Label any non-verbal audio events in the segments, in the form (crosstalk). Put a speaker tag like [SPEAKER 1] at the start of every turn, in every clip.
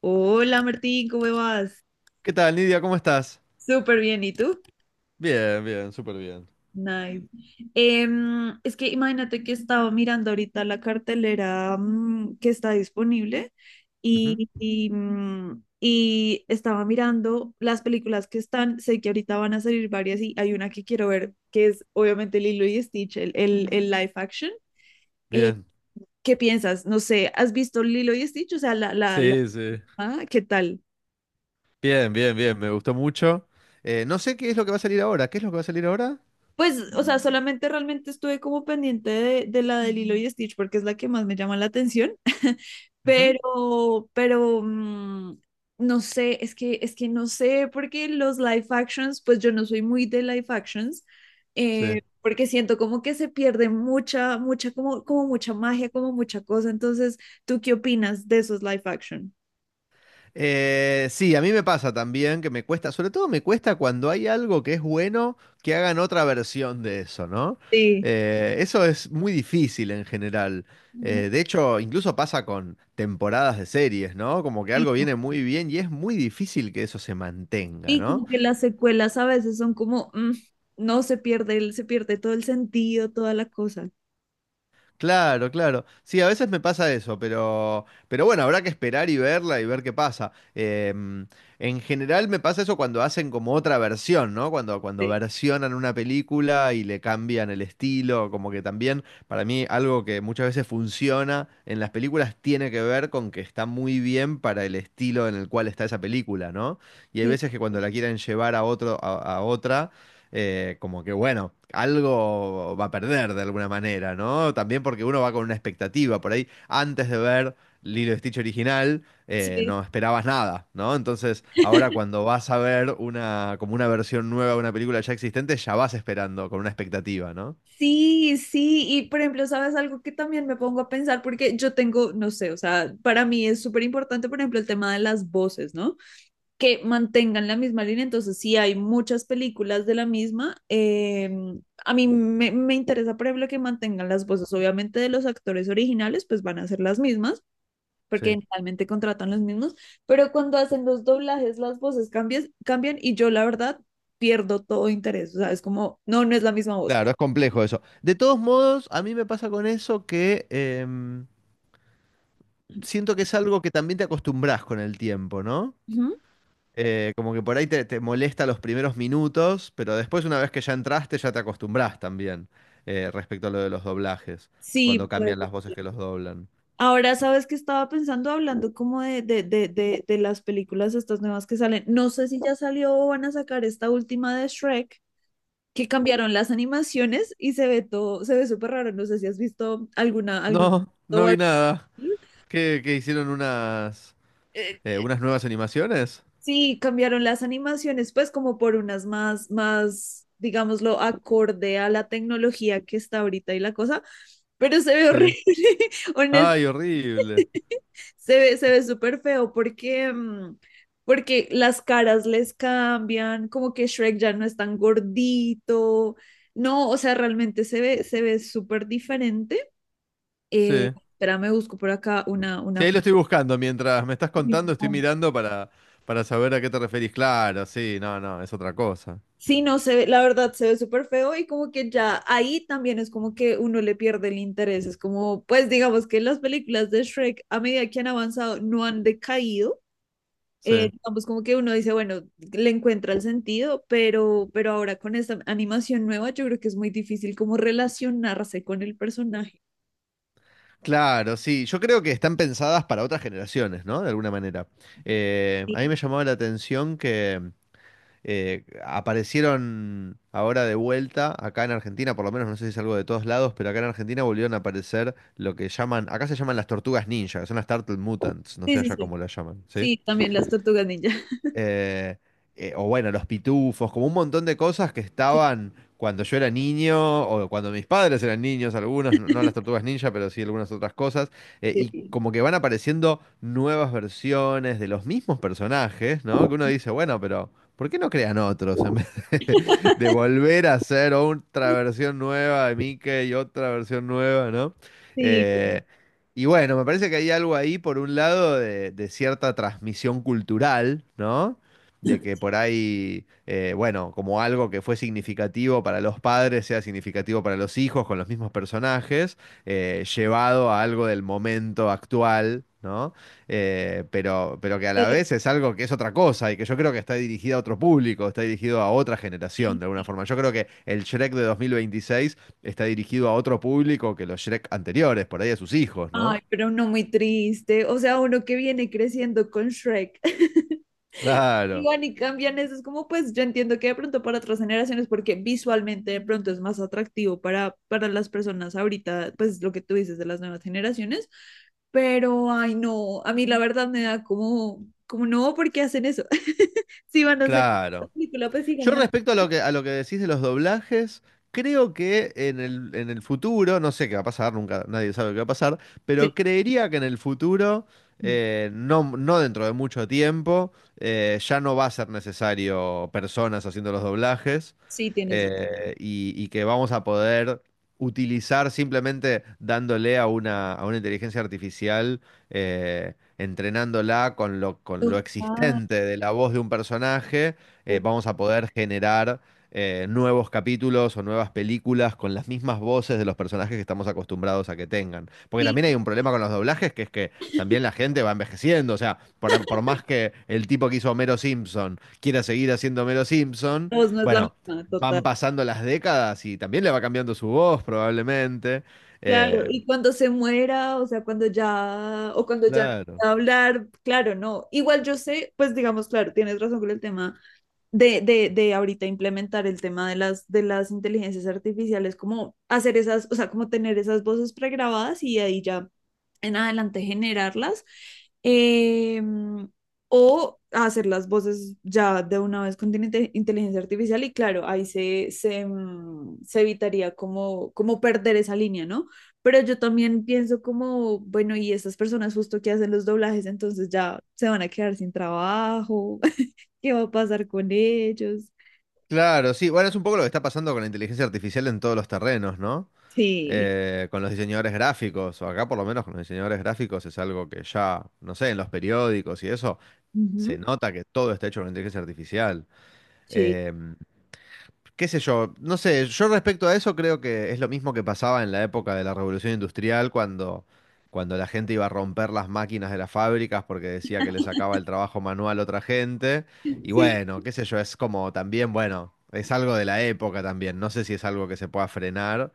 [SPEAKER 1] Hola Martín, ¿cómo vas?
[SPEAKER 2] ¿Qué tal, Nidia? ¿Cómo estás?
[SPEAKER 1] Súper bien, ¿y tú?
[SPEAKER 2] Bien, bien, súper bien.
[SPEAKER 1] Nice. Es que imagínate que estaba mirando ahorita la cartelera que está disponible
[SPEAKER 2] Ujú.
[SPEAKER 1] y estaba mirando las películas que están. Sé que ahorita van a salir varias y hay una que quiero ver que es obviamente Lilo y Stitch, el live action. Eh,
[SPEAKER 2] Bien,
[SPEAKER 1] ¿Qué piensas? No sé, ¿has visto Lilo y Stitch? O sea,
[SPEAKER 2] sí, sí.
[SPEAKER 1] ¿qué tal?
[SPEAKER 2] Bien, bien, bien, me gustó mucho. No sé qué es lo que va a salir ahora. ¿Qué es lo que va a salir ahora?
[SPEAKER 1] Pues, o sea, solamente realmente estuve como pendiente de la de Lilo y Stitch porque es la que más me llama la atención,
[SPEAKER 2] Ujú.
[SPEAKER 1] pero no sé, es que no sé, porque los live actions, pues yo no soy muy de live actions,
[SPEAKER 2] Sí.
[SPEAKER 1] porque siento como que se pierde mucha magia, como mucha cosa. Entonces, ¿tú qué opinas de esos live action?
[SPEAKER 2] Sí, a mí me pasa también que me cuesta, sobre todo me cuesta cuando hay algo que es bueno, que hagan otra versión de eso, ¿no?
[SPEAKER 1] Sí.
[SPEAKER 2] Eso es muy difícil en general.
[SPEAKER 1] Mm.
[SPEAKER 2] De hecho, incluso pasa con temporadas de series, ¿no? Como que algo viene muy bien y es muy difícil que eso se mantenga,
[SPEAKER 1] Y
[SPEAKER 2] ¿no?
[SPEAKER 1] como que las secuelas a veces son como, no se pierde, se pierde todo el sentido, toda la cosa.
[SPEAKER 2] Claro, claro. Sí, a veces me pasa eso, pero, bueno, habrá que esperar y verla y ver qué pasa. En general me pasa eso cuando hacen como otra versión, ¿no? Cuando
[SPEAKER 1] Sí,
[SPEAKER 2] versionan una película y le cambian el estilo, como que también para mí algo que muchas veces funciona en las películas tiene que ver con que está muy bien para el estilo en el cual está esa película, ¿no? Y hay
[SPEAKER 1] sí,
[SPEAKER 2] veces que cuando la quieren llevar a otro, a otra como que bueno, algo va a perder de alguna manera, ¿no? También porque uno va con una expectativa por ahí. Antes de ver Lilo y Stitch original,
[SPEAKER 1] sí.
[SPEAKER 2] no esperabas nada, ¿no? Entonces, ahora
[SPEAKER 1] (laughs)
[SPEAKER 2] cuando vas a ver una, como una versión nueva de una película ya existente, ya vas esperando con una expectativa, ¿no?
[SPEAKER 1] Sí, sí, y por ejemplo, ¿sabes algo que también me pongo a pensar? Porque yo tengo, no sé, o sea, para mí es súper importante, por ejemplo, el tema de las voces, ¿no? Que mantengan la misma línea, entonces sí hay muchas películas de la misma. A mí me interesa, por ejemplo, que mantengan las voces, obviamente de los actores originales, pues van a ser las mismas, porque
[SPEAKER 2] Sí.
[SPEAKER 1] generalmente contratan los mismos, pero cuando hacen los doblajes las voces cambian, cambian y yo la verdad pierdo todo interés, o sea, es como, no, no es la misma voz.
[SPEAKER 2] Claro, es complejo eso. De todos modos, a mí me pasa con eso que siento que es algo que también te acostumbras con el tiempo, ¿no?
[SPEAKER 1] Ujú.
[SPEAKER 2] Como que por ahí te, te molesta los primeros minutos, pero después una vez que ya entraste ya te acostumbras también respecto a lo de los doblajes,
[SPEAKER 1] Sí,
[SPEAKER 2] cuando
[SPEAKER 1] pues.
[SPEAKER 2] cambian las voces que los doblan.
[SPEAKER 1] Ahora, ¿sabes que estaba pensando hablando como de las películas estas nuevas que salen? No sé si ya salió o van a sacar esta última de Shrek, que cambiaron las animaciones y se ve todo, se ve súper raro. No sé si has visto alguna, alguna
[SPEAKER 2] No, no
[SPEAKER 1] o
[SPEAKER 2] vi
[SPEAKER 1] algo.
[SPEAKER 2] nada. ¿Qué, qué hicieron unas,
[SPEAKER 1] Eh,
[SPEAKER 2] unas nuevas animaciones?
[SPEAKER 1] Sí, cambiaron las animaciones, pues como por unas más, digámoslo, acorde a la tecnología que está ahorita y la cosa, pero se ve horrible,
[SPEAKER 2] Sí.
[SPEAKER 1] (laughs) honest,
[SPEAKER 2] Ay, horrible.
[SPEAKER 1] se ve súper feo porque, porque las caras les cambian, como que Shrek ya no es tan gordito, no, o sea, realmente se ve súper diferente.
[SPEAKER 2] Sí.
[SPEAKER 1] Espera, me busco por acá
[SPEAKER 2] Sí,
[SPEAKER 1] una...
[SPEAKER 2] ahí lo estoy buscando. Mientras me estás contando, estoy
[SPEAKER 1] foto.
[SPEAKER 2] mirando para saber a qué te referís. Claro, sí, no, no, es otra cosa.
[SPEAKER 1] Sí, no se ve, la verdad se ve súper feo y como que ya ahí también es como que uno le pierde el interés. Es como, pues digamos que las películas de Shrek a medida que han avanzado no han decaído.
[SPEAKER 2] Sí.
[SPEAKER 1] Digamos como que uno dice, bueno, le encuentra el sentido, pero ahora con esta animación nueva yo creo que es muy difícil como relacionarse con el personaje.
[SPEAKER 2] Claro, sí. Yo creo que están pensadas para otras generaciones, ¿no? De alguna manera.
[SPEAKER 1] Sí,
[SPEAKER 2] A mí me llamaba la atención que aparecieron ahora de vuelta, acá en Argentina, por lo menos no sé si es algo de todos lados, pero acá en Argentina volvieron a aparecer lo que llaman, acá se llaman las tortugas ninja, que son las Turtle Mutants, no
[SPEAKER 1] sí,
[SPEAKER 2] sé
[SPEAKER 1] sí.
[SPEAKER 2] allá
[SPEAKER 1] Sí,
[SPEAKER 2] cómo las llaman, ¿sí?
[SPEAKER 1] sí, también las tortugas ninja.
[SPEAKER 2] Eh, o bueno, los pitufos, como un montón de cosas que
[SPEAKER 1] (laughs)
[SPEAKER 2] estaban cuando yo era niño o cuando mis padres eran niños, algunos, no, no las tortugas ninja, pero sí algunas otras cosas,
[SPEAKER 1] Sí,
[SPEAKER 2] y
[SPEAKER 1] sí,
[SPEAKER 2] como que van apareciendo nuevas versiones de los mismos personajes, ¿no? Que uno dice, bueno, pero ¿por qué no crean otros en vez de, (laughs) de volver a hacer otra versión nueva de Mickey y otra versión nueva, ¿no?
[SPEAKER 1] sí. Sí.
[SPEAKER 2] Eh, y bueno, me parece que hay algo ahí, por un lado, de cierta transmisión cultural, ¿no? De que
[SPEAKER 1] (clears throat)
[SPEAKER 2] por ahí, bueno, como algo que fue significativo para los padres, sea significativo para los hijos, con los mismos personajes, llevado a algo del momento actual, ¿no? Pero, que a la
[SPEAKER 1] Pero
[SPEAKER 2] vez es algo que es otra cosa y que yo creo que está dirigida a otro público, está dirigido a otra generación,
[SPEAKER 1] sí.
[SPEAKER 2] de alguna forma. Yo creo que el Shrek de 2026 está dirigido a otro público que los Shrek anteriores, por ahí a sus hijos, ¿no?
[SPEAKER 1] Ay, pero uno muy triste, o sea, uno que viene creciendo con Shrek. (laughs) Y
[SPEAKER 2] Claro,
[SPEAKER 1] van y cambian eso, es como pues yo entiendo que de pronto para otras generaciones, porque visualmente de pronto es más atractivo para las personas ahorita, pues lo que tú dices de las nuevas generaciones, pero ay no, a mí la verdad me da como, como no, ¿por qué hacen eso? (laughs) Si van a sacar la
[SPEAKER 2] claro.
[SPEAKER 1] película, pues
[SPEAKER 2] Yo
[SPEAKER 1] síganla.
[SPEAKER 2] respecto a lo que decís de los doblajes, creo que en el futuro, no sé qué va a pasar, nunca nadie sabe qué va a pasar, pero
[SPEAKER 1] Sí,
[SPEAKER 2] creería que en el futuro,
[SPEAKER 1] mm,
[SPEAKER 2] no, no dentro de mucho tiempo, ya no va a ser necesario personas haciendo los doblajes
[SPEAKER 1] sí, tienes razón.
[SPEAKER 2] y que vamos a poder utilizar simplemente dándole a una inteligencia artificial. Entrenándola con lo
[SPEAKER 1] Total,
[SPEAKER 2] existente de la voz de un personaje
[SPEAKER 1] total.
[SPEAKER 2] vamos a poder generar nuevos capítulos o nuevas películas con las mismas voces de los personajes que estamos acostumbrados a que tengan. Porque
[SPEAKER 1] Sí,
[SPEAKER 2] también hay un problema con los doblajes, que es que también la gente va envejeciendo. O sea, por más
[SPEAKER 1] (laughs)
[SPEAKER 2] que el tipo que hizo Homero Simpson quiera seguir haciendo Homero Simpson,
[SPEAKER 1] la voz no es la
[SPEAKER 2] bueno,
[SPEAKER 1] misma,
[SPEAKER 2] van
[SPEAKER 1] total.
[SPEAKER 2] pasando las décadas y también le va cambiando su voz probablemente.
[SPEAKER 1] Claro,
[SPEAKER 2] Eh,
[SPEAKER 1] y cuando se muera, o sea, cuando ya, o cuando ya no
[SPEAKER 2] claro.
[SPEAKER 1] pueda hablar, claro, no. Igual yo sé, pues digamos, claro, tienes razón con el tema de ahorita implementar el tema de de las inteligencias artificiales, como hacer esas, o sea, como tener esas voces pregrabadas y ahí ya en adelante generarlas. Eh, o hacer las voces ya de una vez con inteligencia artificial y claro, ahí se se evitaría como, como perder esa línea, ¿no? Pero yo también pienso como, bueno, y estas personas justo que hacen los doblajes, entonces ya se van a quedar sin trabajo. (laughs) Qué va a pasar con ellos.
[SPEAKER 2] Claro, sí. Bueno, es un poco lo que está pasando con la inteligencia artificial en todos los terrenos, ¿no?
[SPEAKER 1] Sí.
[SPEAKER 2] Con los diseñadores gráficos, o acá por lo menos con los diseñadores gráficos es algo que ya, no sé, en los periódicos y eso,
[SPEAKER 1] Ujú.
[SPEAKER 2] se nota que todo está hecho con inteligencia artificial.
[SPEAKER 1] Sí.
[SPEAKER 2] Eh, Qué sé yo, no sé, yo respecto a eso creo que es lo mismo que pasaba en la época de la Revolución Industrial cuando, cuando la gente iba a romper las máquinas de las fábricas porque decía que le sacaba el trabajo manual a otra gente. Y
[SPEAKER 1] Sí,
[SPEAKER 2] bueno, qué sé yo, es como también, bueno, es algo de la época también, no sé si es algo que se pueda frenar.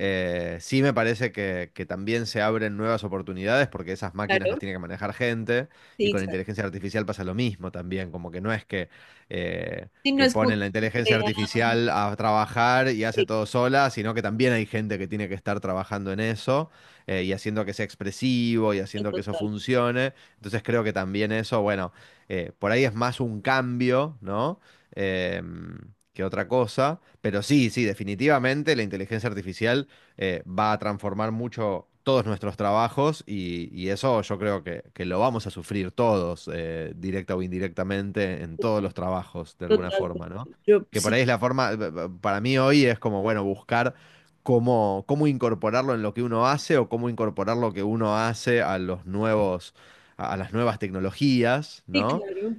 [SPEAKER 2] Sí me parece que también se abren nuevas oportunidades porque esas máquinas las
[SPEAKER 1] claro,
[SPEAKER 2] tiene que manejar gente y
[SPEAKER 1] sí,
[SPEAKER 2] con
[SPEAKER 1] claro.
[SPEAKER 2] inteligencia artificial pasa lo mismo también, como que no es eh,
[SPEAKER 1] Sí, no
[SPEAKER 2] que
[SPEAKER 1] es como
[SPEAKER 2] ponen la
[SPEAKER 1] que se
[SPEAKER 2] inteligencia
[SPEAKER 1] crea,
[SPEAKER 2] artificial a trabajar y hace
[SPEAKER 1] sí,
[SPEAKER 2] todo sola, sino que también hay gente que tiene que estar trabajando en eso y haciendo que sea expresivo y haciendo que eso
[SPEAKER 1] total,
[SPEAKER 2] funcione. Entonces creo que también eso, bueno, por ahí es más un cambio, ¿no? Em, que otra cosa, pero sí, sí, definitivamente la inteligencia artificial va a transformar mucho todos nuestros trabajos y eso yo creo que lo vamos a sufrir todos, directa o indirectamente, en todos los trabajos, de alguna
[SPEAKER 1] total.
[SPEAKER 2] forma, ¿no?
[SPEAKER 1] Yo
[SPEAKER 2] Que por
[SPEAKER 1] sí,
[SPEAKER 2] ahí es la forma, para mí hoy es como, bueno, buscar cómo, cómo incorporarlo en lo que uno hace o cómo incorporar lo que uno hace a los nuevos, a las nuevas tecnologías,
[SPEAKER 1] sí,
[SPEAKER 2] ¿no?
[SPEAKER 1] claro,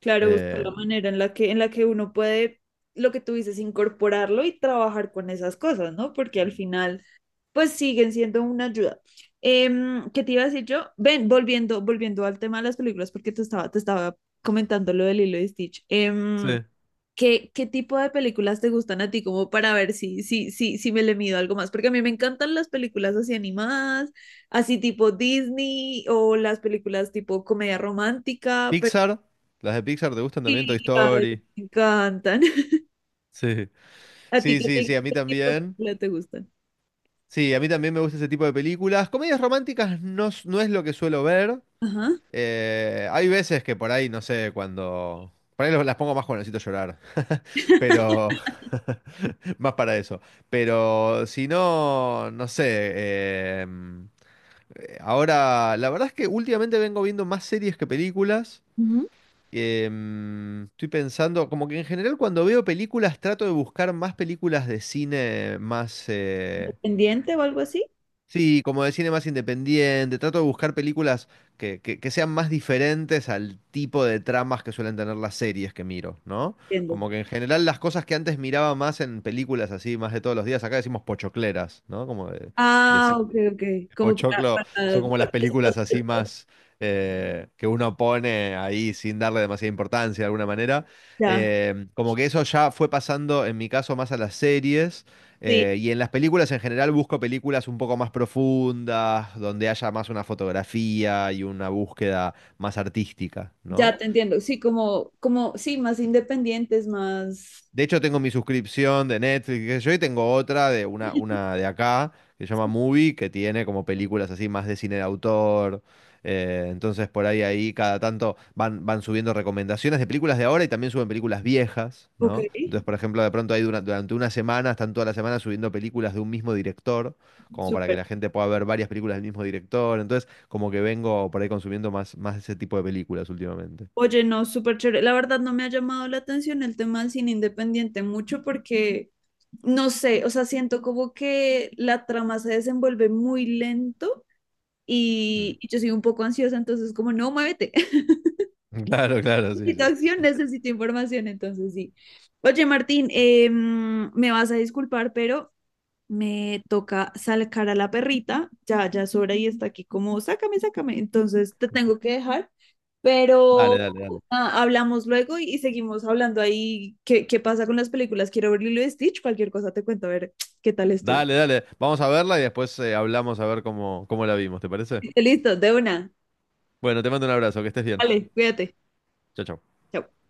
[SPEAKER 1] claro, buscar
[SPEAKER 2] Eh,
[SPEAKER 1] la manera en la que uno puede, lo que tú dices, incorporarlo y trabajar con esas cosas, ¿no? Porque al final, pues siguen siendo una ayuda. ¿Qué te iba a decir yo? Ven, volviendo al tema de las películas, porque te estaba comentando lo del Lilo y Stitch.
[SPEAKER 2] sí,
[SPEAKER 1] ¿Qué, qué tipo de películas te gustan a ti? Como para ver si me le mido algo más. Porque a mí me encantan las películas así animadas, así tipo Disney o las películas tipo comedia romántica, pero
[SPEAKER 2] Pixar, las de Pixar te gustan también,
[SPEAKER 1] sí,
[SPEAKER 2] Toy
[SPEAKER 1] ay,
[SPEAKER 2] Story.
[SPEAKER 1] me encantan. (laughs)
[SPEAKER 2] Sí.
[SPEAKER 1] ¿A ti
[SPEAKER 2] Sí,
[SPEAKER 1] qué,
[SPEAKER 2] sí, sí, a mí
[SPEAKER 1] qué tipo de
[SPEAKER 2] también.
[SPEAKER 1] películas te gustan?
[SPEAKER 2] Sí, a mí también me gusta ese tipo de películas. Comedias románticas no, s- no es lo que suelo ver.
[SPEAKER 1] Ajá.
[SPEAKER 2] Hay veces que por ahí, no sé, cuando... Por ahí lo- las pongo más cuando necesito llorar, pero...
[SPEAKER 1] (laughs)
[SPEAKER 2] (laughs) más para eso. Pero si no, no sé. eh, Ahora, la verdad es que últimamente vengo viendo más series que películas.
[SPEAKER 1] Ujú.
[SPEAKER 2] Estoy pensando, como que en general cuando veo películas trato de buscar más películas de cine más...
[SPEAKER 1] ¿Independiente o algo así?
[SPEAKER 2] sí, como de cine más independiente, trato de buscar películas que, que sean más diferentes al tipo de tramas que suelen tener las series que miro, ¿no?
[SPEAKER 1] Entiendo.
[SPEAKER 2] Como que en general las cosas que antes miraba más en películas así, más de todos los días, acá decimos pochocleras, ¿no? Como de
[SPEAKER 1] Ah,
[SPEAKER 2] cine.
[SPEAKER 1] ok, ok. Como para,
[SPEAKER 2] Pochoclo son como las
[SPEAKER 1] para...
[SPEAKER 2] películas así más que uno pone ahí sin darle demasiada importancia de alguna manera.
[SPEAKER 1] Ya,
[SPEAKER 2] Como que eso ya fue pasando en mi caso más a las series
[SPEAKER 1] sí.
[SPEAKER 2] y en las películas en general busco películas un poco más profundas, donde haya más una fotografía y una búsqueda más artística, ¿no?
[SPEAKER 1] Ya te entiendo, sí, como, como, sí, más independientes, más...
[SPEAKER 2] De hecho, tengo mi suscripción de Netflix, qué sé yo, y tengo otra de una de acá, que se llama Movie, que tiene como películas así más de cine de autor. Entonces, por ahí, ahí, cada tanto van, van subiendo recomendaciones de películas de ahora y también suben películas viejas,
[SPEAKER 1] Ok,
[SPEAKER 2] ¿no? Entonces, por ejemplo, de pronto ahí dura- durante una semana, están toda la semana subiendo películas de un mismo director, como para que
[SPEAKER 1] súper.
[SPEAKER 2] la gente pueda ver varias películas del mismo director. Entonces, como que vengo por ahí consumiendo más, más ese tipo de películas últimamente.
[SPEAKER 1] Oye, no, súper chévere. La verdad no me ha llamado la atención el tema del cine independiente mucho porque, no sé, o sea, siento como que la trama se desenvuelve muy lento
[SPEAKER 2] Mm.
[SPEAKER 1] y yo soy un poco ansiosa, entonces como, no, muévete. (laughs)
[SPEAKER 2] (laughs) Claro, claro, sí,
[SPEAKER 1] Necesito
[SPEAKER 2] sí.
[SPEAKER 1] acción, necesito información, entonces sí. Oye, Martín, me vas a disculpar, pero me toca sacar a la perrita, ya, ya es hora y está aquí como, sácame, sácame, entonces te tengo que dejar, pero
[SPEAKER 2] Dale, dale, dale.
[SPEAKER 1] ah, hablamos luego y seguimos hablando ahí qué, qué pasa con las películas, quiero ver Lilo y Stitch, cualquier cosa te cuento, a ver qué tal estuvo.
[SPEAKER 2] Dale, dale. Vamos a verla y después hablamos a ver cómo, cómo la vimos, ¿te parece?
[SPEAKER 1] (laughs) Listo, de una,
[SPEAKER 2] Bueno, te mando un abrazo, que estés bien.
[SPEAKER 1] vale, cuídate,
[SPEAKER 2] Chao, chao.
[SPEAKER 1] chao.